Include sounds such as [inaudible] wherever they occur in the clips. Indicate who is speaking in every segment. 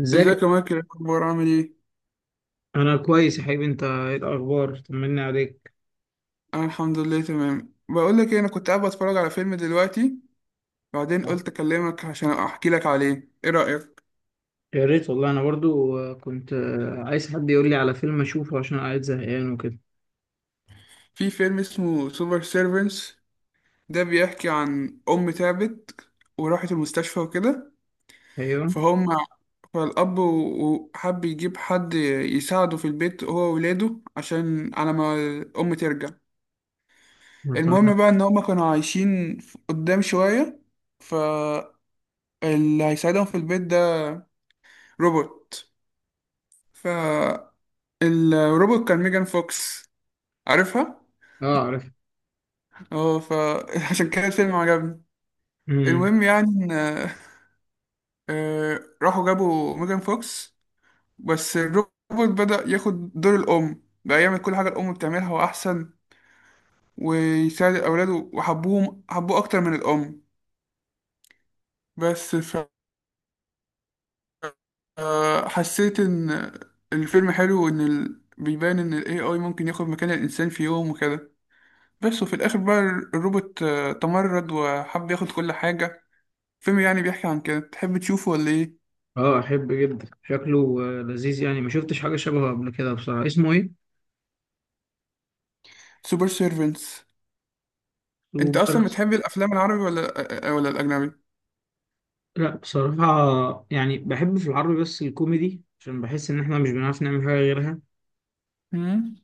Speaker 1: ازيك؟
Speaker 2: ازيك يا مايكل، إيه الاخبار؟ عامل ايه؟
Speaker 1: انا كويس يا حبيبي، انت ايه الاخبار؟ طمني عليك.
Speaker 2: انا الحمد لله تمام. بقول لك ايه، انا كنت قاعد بتفرج على فيلم دلوقتي، بعدين قلت اكلمك عشان احكي لك عليه. ايه رايك
Speaker 1: يا ريت والله، انا برضو كنت عايز حد يقول لي على فيلم اشوفه عشان قاعد زهقان وكده.
Speaker 2: في فيلم اسمه سوبر سيرفنس؟ ده بيحكي عن ام تعبت وراحت المستشفى وكده.
Speaker 1: ايوه.
Speaker 2: فهم. فالاب وحب يجيب حد يساعده في البيت هو وولاده عشان على ما الام ترجع.
Speaker 1: أنا تمام.
Speaker 2: المهم بقى ان هم كانوا عايشين قدام شويه. فاللي هيساعدهم في البيت ده روبوت. فالروبوت كان ميجان فوكس. عارفها؟
Speaker 1: اه، عارف.
Speaker 2: اه. فعشان [laughs] كده الفيلم عجبني.
Speaker 1: امم.
Speaker 2: المهم يعني إن راحوا جابوا ميجان فوكس، بس الروبوت بدأ ياخد دور الأم بقى، يعمل كل حاجة الأم بتعملها وأحسن، ويساعد أولاده وحبوهم، حبوه أكتر من الأم. بس ف حسيت إن الفيلم حلو، وإن ال بيبان إن ال AI ممكن ياخد مكان الإنسان في يوم وكده. بس وفي الآخر بقى الروبوت تمرد وحب ياخد كل حاجة. فيلم يعني بيحكي عن كده، تحب تشوفه ولا إيه؟
Speaker 1: اه، احب جدا، شكله لذيذ يعني، ما شفتش حاجه شبهه قبل كده بصراحه. اسمه ايه؟
Speaker 2: سوبر سيرفنتس. أنت
Speaker 1: سوبر.
Speaker 2: أصلا بتحب الأفلام العربي ولا ولا الأجنبي؟
Speaker 1: لا، بصراحه يعني بحب في العربي بس الكوميدي، عشان بحس ان احنا مش بنعرف نعمل حاجه غيرها.
Speaker 2: مم.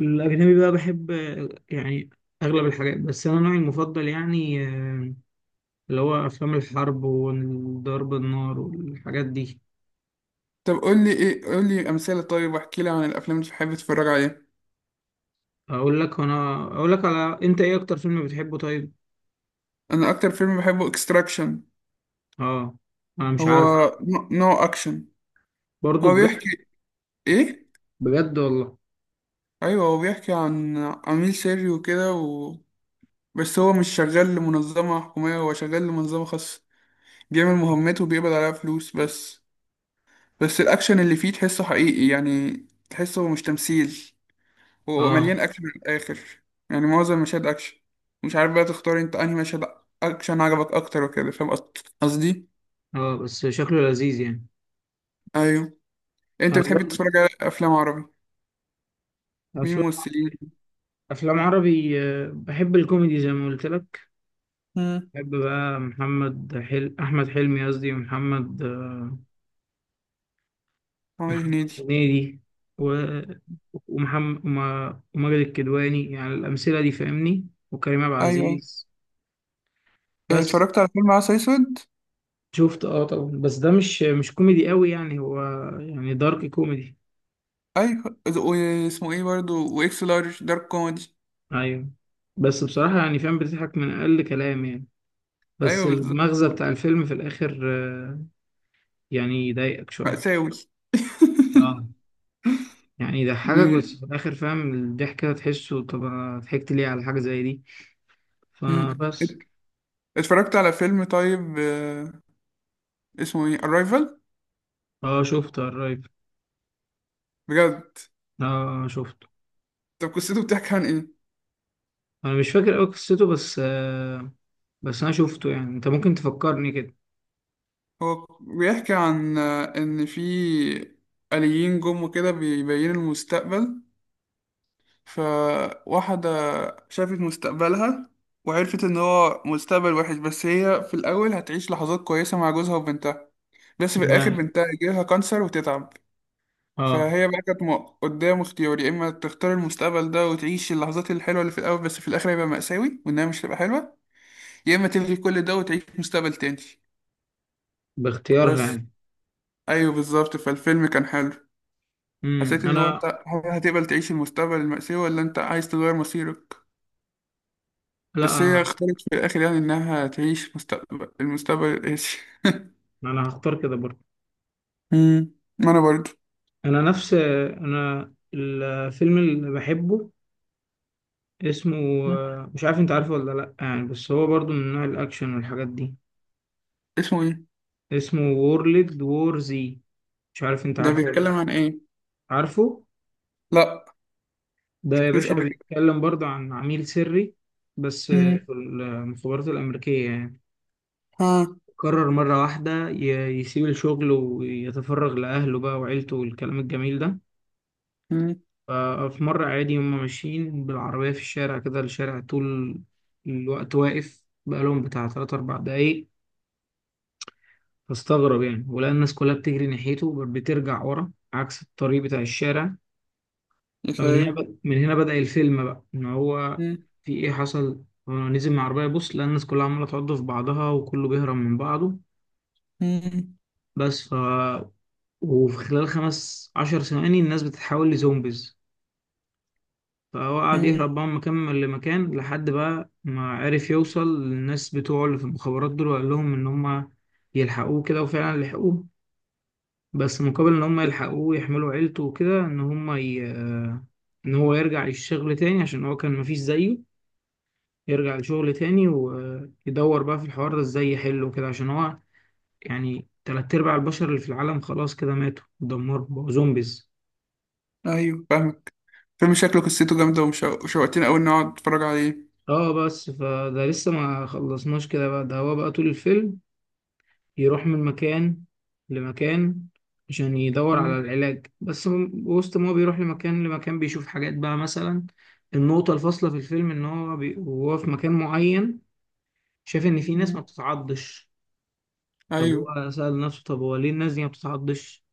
Speaker 1: الاجنبي بقى بحب يعني اغلب الحاجات، بس انا نوعي المفضل يعني اللي هو أفلام الحرب وضرب النار والحاجات دي.
Speaker 2: طب قول لي إيه، قول لي أمثلة، طيب واحكي لي عن الأفلام اللي بتحب تتفرج عليها.
Speaker 1: أقول لك، أنا أقول لك على أنت إيه أكتر فيلم بتحبه طيب؟
Speaker 2: أنا أكتر فيلم بحبه إكستراكشن.
Speaker 1: آه. أنا مش
Speaker 2: هو
Speaker 1: عارف.
Speaker 2: نو أكشن.
Speaker 1: برضه
Speaker 2: هو
Speaker 1: بجد؟
Speaker 2: بيحكي إيه؟
Speaker 1: بجد والله.
Speaker 2: أيوه، هو بيحكي عن عميل سري وكده، و... بس هو مش شغال لمنظمة حكومية، هو شغال لمنظمة خاصة، بيعمل مهمته وبيقبض عليها فلوس بس. بس الأكشن اللي فيه تحسه حقيقي يعني، تحسه مش تمثيل. هو
Speaker 1: آه،
Speaker 2: مليان أكشن من الآخر، يعني معظم مشاهد أكشن. مش عارف بقى تختار أنت أنهي مشهد أكشن عجبك أكتر وكده، فاهم قصدي؟
Speaker 1: آه، بس شكله لذيذ يعني.
Speaker 2: أيوه. أنت
Speaker 1: أنا
Speaker 2: بتحب
Speaker 1: برضه.
Speaker 2: تتفرج على أفلام عربي؟ مين
Speaker 1: أفلام.
Speaker 2: ممثلين؟
Speaker 1: أفلام عربي، بحب الكوميدي زي ما قلت لك.
Speaker 2: مم.
Speaker 1: بحب بقى محمد أحمد حلمي قصدي، ومحمد آه،
Speaker 2: محمد
Speaker 1: محمد
Speaker 2: هنيدي.
Speaker 1: هنيدي. و... وماجد الكدواني، يعني الأمثلة دي فاهمني، وكريم عبد
Speaker 2: أيوه، أيوه.
Speaker 1: العزيز.
Speaker 2: إيه،
Speaker 1: بس.
Speaker 2: اتفرجت على فيلم عسل أسود؟
Speaker 1: شفت، اه طبعا، بس ده مش كوميدي قوي يعني، هو يعني دارك كوميدي.
Speaker 2: أيوه، واسمه إيه برضه؟ وإكس لارج دارك كوميدي.
Speaker 1: ايوه. بس بصراحة يعني فاهم، بتضحك من اقل كلام يعني. بس
Speaker 2: أيوه بالظبط.
Speaker 1: المغزى بتاع الفيلم في الاخر، يعني يضايقك شوية.
Speaker 2: مأساوي. [laughs]
Speaker 1: اه. يعني يضحكك بس
Speaker 2: مم.
Speaker 1: في الاخر فاهم الضحك كده تحسه، طب أنا ضحكت ليه على حاجة زي دي؟
Speaker 2: مم.
Speaker 1: فبس.
Speaker 2: اتفرجت على فيلم طيب اسمه ايه Arrival؟
Speaker 1: اه، شفته قريب.
Speaker 2: بجد؟
Speaker 1: اه، شفته.
Speaker 2: طب قصته بتحكي عن ايه؟
Speaker 1: انا مش فاكر قوي قصته بس، بس انا شفته يعني، انت ممكن تفكرني كده.
Speaker 2: هو بيحكي عن ان في آليين جم وكده، بيبين المستقبل. فواحدة شافت مستقبلها وعرفت ان هو مستقبل وحش، بس هي في الاول هتعيش لحظات كويسة مع جوزها وبنتها، بس في الاخر
Speaker 1: تمام.
Speaker 2: بنتها يجيلها كانسر وتتعب.
Speaker 1: اه.
Speaker 2: فهي بقى كانت قدام اختيار، يا اما تختار المستقبل ده وتعيش اللحظات الحلوه اللي في الاول، بس في الاخر هيبقى مأساوي وانها مش هتبقى حلوه، يا اما تلغي كل ده وتعيش مستقبل تاني.
Speaker 1: باختيارها
Speaker 2: بس
Speaker 1: يعني؟
Speaker 2: ايوه بالظبط، فالفيلم كان حلو.
Speaker 1: امم،
Speaker 2: حسيت ان هو انت
Speaker 1: انا.
Speaker 2: هل هتقبل تعيش المستقبل المأساوي ولا انت عايز تغير مصيرك؟
Speaker 1: لا،
Speaker 2: بس هي
Speaker 1: انا.
Speaker 2: اختارت في الاخر يعني انها تعيش مستقبل، المستقبل القاسي.
Speaker 1: أنا هختار كده برضه.
Speaker 2: امم، ما انا برضه.
Speaker 1: انا، نفس انا، الفيلم اللي بحبه اسمه،
Speaker 2: مم.
Speaker 1: مش عارف انت عارفه ولا لا يعني، بس هو برضه من نوع الاكشن والحاجات دي.
Speaker 2: اسمه ايه؟
Speaker 1: اسمه وورلد وور زي. مش عارف انت
Speaker 2: ده
Speaker 1: عارفه ولا لا.
Speaker 2: بيتكلم عن ايه؟
Speaker 1: عارفه؟
Speaker 2: لا.
Speaker 1: ده يا
Speaker 2: مش
Speaker 1: باشا
Speaker 2: قبل كده.
Speaker 1: بيتكلم برضه عن عميل سري، بس في
Speaker 2: مم.
Speaker 1: المخابرات الامريكيه يعني.
Speaker 2: ها.
Speaker 1: قرر مره واحده يسيب الشغل ويتفرغ لاهله بقى وعيلته والكلام الجميل ده.
Speaker 2: مم.
Speaker 1: ففي مرة عادي، هما ماشيين بالعربية في الشارع كده، الشارع طول الوقت واقف بقالهم بتاع تلات أربع دقايق. فاستغرب يعني، ولقى الناس كلها بتجري ناحيته، بترجع ورا عكس الطريق بتاع الشارع.
Speaker 2: يا
Speaker 1: فمن هنا
Speaker 2: سلام.
Speaker 1: بد... من هنا بدأ الفيلم بقى إن هو،
Speaker 2: مم.
Speaker 1: في إيه حصل. هو نزل من العربية يبص، لقى الناس كلها عمالة تعض في بعضها وكله بيهرب من بعضه.
Speaker 2: مم.
Speaker 1: بس وفي خلال 15 ثواني الناس بتتحول لزومبيز. فهو قعد
Speaker 2: مم.
Speaker 1: يهرب بقى من مكان لمكان، لحد بقى ما عرف يوصل للناس بتوعه اللي في المخابرات دول، وقال لهم إن هما يلحقوه كده، وفعلا لحقوه. بس مقابل إن هما يلحقوه يحملوا عيلته وكده، إن هما ي... آه، إن هو يرجع للشغل تاني عشان هو كان مفيش زيه. يرجع لشغل تاني، ويدور بقى في الحوار ده إزاي يحله كده، عشان هو يعني تلات أرباع البشر اللي في العالم خلاص كده ماتوا اتدمروا بقوا زومبيز.
Speaker 2: ايوه فاهمك. فيلم شكله قصته جامده، وشوقتني قوي اني اقعد اتفرج عليه.
Speaker 1: اه بس فده لسه ما خلصناش كده بقى، ده هو بقى طول الفيلم يروح من مكان لمكان عشان يدور على
Speaker 2: مم.
Speaker 1: العلاج، بس وسط ما هو بيروح لمكان لمكان بيشوف حاجات بقى مثلا. النقطة الفاصلة في الفيلم إن هو وهو في مكان معين شاف إن في ناس ما
Speaker 2: مم.
Speaker 1: بتتعضش. طب
Speaker 2: ايوه.
Speaker 1: هو سأل نفسه، طب هو ليه الناس دي ما بتتعضش؟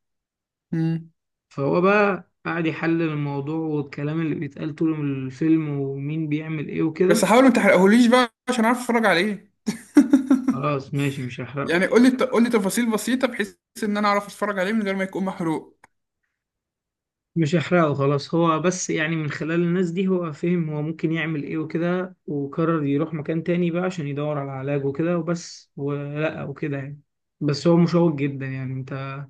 Speaker 2: مم.
Speaker 1: فهو بقى قاعد يحلل الموضوع والكلام اللي بيتقال طول الفيلم، ومين بيعمل إيه
Speaker 2: بس
Speaker 1: وكده.
Speaker 2: حاول ما تحرقهوليش بقى عشان اعرف اتفرج عليه. [laughs]
Speaker 1: خلاص ماشي، مش هحرقه.
Speaker 2: يعني قول لي، قول لي تفاصيل بسيطه بحيث ان انا اعرف اتفرج عليه من غير ما يكون محروق.
Speaker 1: مش هحرقه خلاص، هو بس يعني من خلال الناس دي هو فهم هو ممكن يعمل ايه وكده، وقرر يروح مكان تاني بقى عشان يدور على علاج وكده، وبس ولقى وكده يعني. بس هو مشوق جدا يعني، انت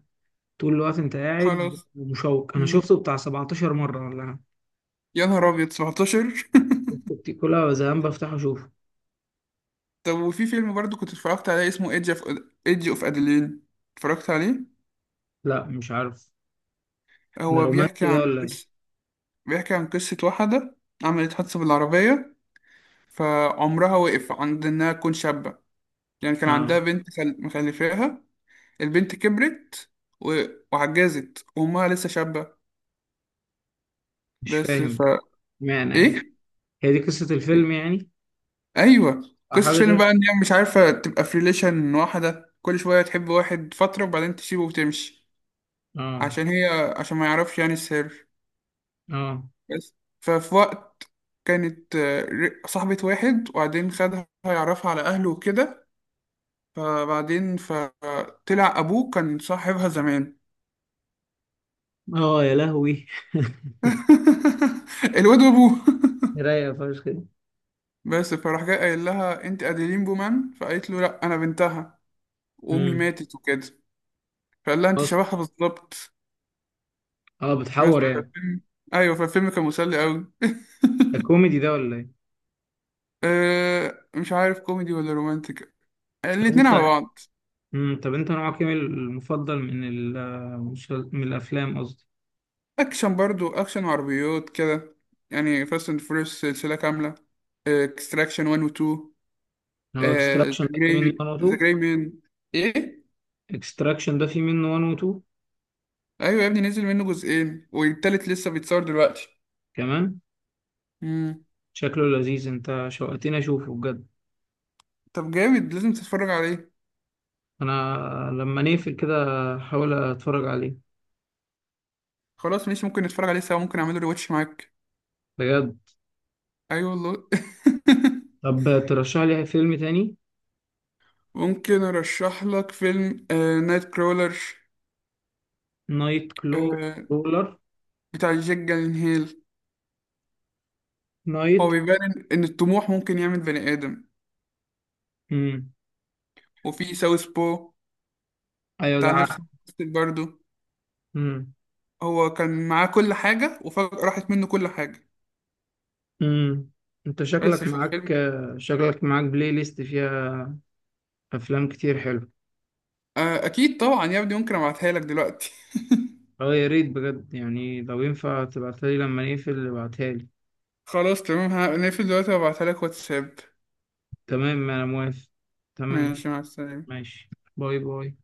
Speaker 1: طول الوقت انت قاعد
Speaker 2: خلاص.
Speaker 1: ومشوق، انا
Speaker 2: مم.
Speaker 1: شفته بتاع 17 مرة ولا حاجة.
Speaker 2: يا نهار ابيض، 17!
Speaker 1: كنت كل زمان بفتحه اشوفه.
Speaker 2: [laughs] طب وفي فيلم برضو كنت اتفرجت عليه اسمه ايدج اوف، ايدج اوف ادلين، اتفرجت عليه؟
Speaker 1: لا، مش عارف. ده
Speaker 2: هو
Speaker 1: رومانسي
Speaker 2: بيحكي
Speaker 1: ده
Speaker 2: عن
Speaker 1: ولا ايه؟
Speaker 2: قصه. بيحكي عن قصه واحده عملت حادثه بالعربيه، فعمرها وقف عند إنها تكون شابة. يعني كان
Speaker 1: اه،
Speaker 2: عندها بنت مخلفاها. البنت كبرت و... وعجزت وأمها لسه شابة.
Speaker 1: مش
Speaker 2: بس
Speaker 1: فاهم
Speaker 2: فا
Speaker 1: معنى يعني.
Speaker 2: إيه؟
Speaker 1: هي دي قصة الفيلم يعني؟
Speaker 2: أيوه،
Speaker 1: أو
Speaker 2: قصة
Speaker 1: حاجة
Speaker 2: الفيلم
Speaker 1: غير.
Speaker 2: بقى إن هي مش عارفة تبقى في ريليشن واحدة، كل شوية تحب واحد فترة وبعدين تسيبه وتمشي،
Speaker 1: اه.
Speaker 2: عشان هي، عشان ما يعرفش يعني السر.
Speaker 1: اه.
Speaker 2: بس ففي وقت كانت صاحبة واحد وبعدين خدها يعرفها على أهله وكده، فبعدين ف طلع ابوه كان صاحبها زمان.
Speaker 1: اه، يا لهوي! [laughs]
Speaker 2: [laughs] الواد وابوه.
Speaker 1: رايقة فشخ.
Speaker 2: بس فراح جاي قايل لها انت اديلين بومان، فقالت له لا انا بنتها وامي
Speaker 1: دي.
Speaker 2: ماتت وكده، فقال لها انت
Speaker 1: خلاص.
Speaker 2: شبهها بالظبط.
Speaker 1: اه،
Speaker 2: بس
Speaker 1: بتحور يعني.
Speaker 2: فالفيلم، ايوه فالفيلم كان مسلي قوي.
Speaker 1: ده كوميدي ده ولا ايه؟
Speaker 2: [laughs] أه مش عارف كوميدي ولا رومانتك،
Speaker 1: طب
Speaker 2: الاتنين على
Speaker 1: انت،
Speaker 2: بعض.
Speaker 1: امم، طب انت نوعك ايه المفضل من من الافلام قصدي؟
Speaker 2: اكشن، برضو اكشن وعربيات كده، يعني فاست اند فورس سلسله كامله، اكستراكشن 1 و
Speaker 1: هو
Speaker 2: 2،
Speaker 1: اكستراكشن
Speaker 2: ذا
Speaker 1: ده فيه منه
Speaker 2: جراي،
Speaker 1: 1 و
Speaker 2: ذا
Speaker 1: 2؟
Speaker 2: جراي مان. ايه.
Speaker 1: اكستراكشن ده فيه منه 1 و 2؟
Speaker 2: ايوه يا ابني نزل منه جزئين والتالت لسه بيتصور دلوقتي.
Speaker 1: كمان.
Speaker 2: امم.
Speaker 1: شكله لذيذ، انت شوقتني اشوفه بجد.
Speaker 2: طب جامد لازم تتفرج عليه.
Speaker 1: انا، لما نقفل كده هحاول اتفرج عليه.
Speaker 2: خلاص ماشي، ممكن نتفرج عليه سوا، ممكن اعمله ريواتش معاك.
Speaker 1: بجد؟
Speaker 2: ايوه والله. [laughs]
Speaker 1: طب ترشح لي فيلم تاني.
Speaker 2: ممكن ارشح لك فيلم آه نايت كرولر.
Speaker 1: نايت كلو،
Speaker 2: آه،
Speaker 1: رولر.
Speaker 2: بتاع جاك جالنهيل.
Speaker 1: نايت.
Speaker 2: هو بيبان ان إن الطموح ممكن يعمل بني ادم.
Speaker 1: امم.
Speaker 2: وفي ساوث بو
Speaker 1: ايوه
Speaker 2: بتاع
Speaker 1: ده.
Speaker 2: نفس الممثل برضه،
Speaker 1: عارف.
Speaker 2: هو كان معاه كل حاجه وفجأة راحت منه كل حاجه،
Speaker 1: امم. انت
Speaker 2: بس
Speaker 1: شكلك
Speaker 2: في
Speaker 1: معاك
Speaker 2: الفيلم.
Speaker 1: شكلك معاك بلاي ليست فيها افلام كتير، حلو.
Speaker 2: آه اكيد طبعا يا ابني، ممكن ابعتها لك دلوقتي.
Speaker 1: اه يا ريت بجد يعني، لو ينفع تبعتها لي لما نقفل ابعتها لي.
Speaker 2: خلاص تمام، هنقفل دلوقتي وابعتلك واتساب.
Speaker 1: تمام، انا موافق. تمام.
Speaker 2: ماشي، مع السلامة.
Speaker 1: ماشي. باي باي.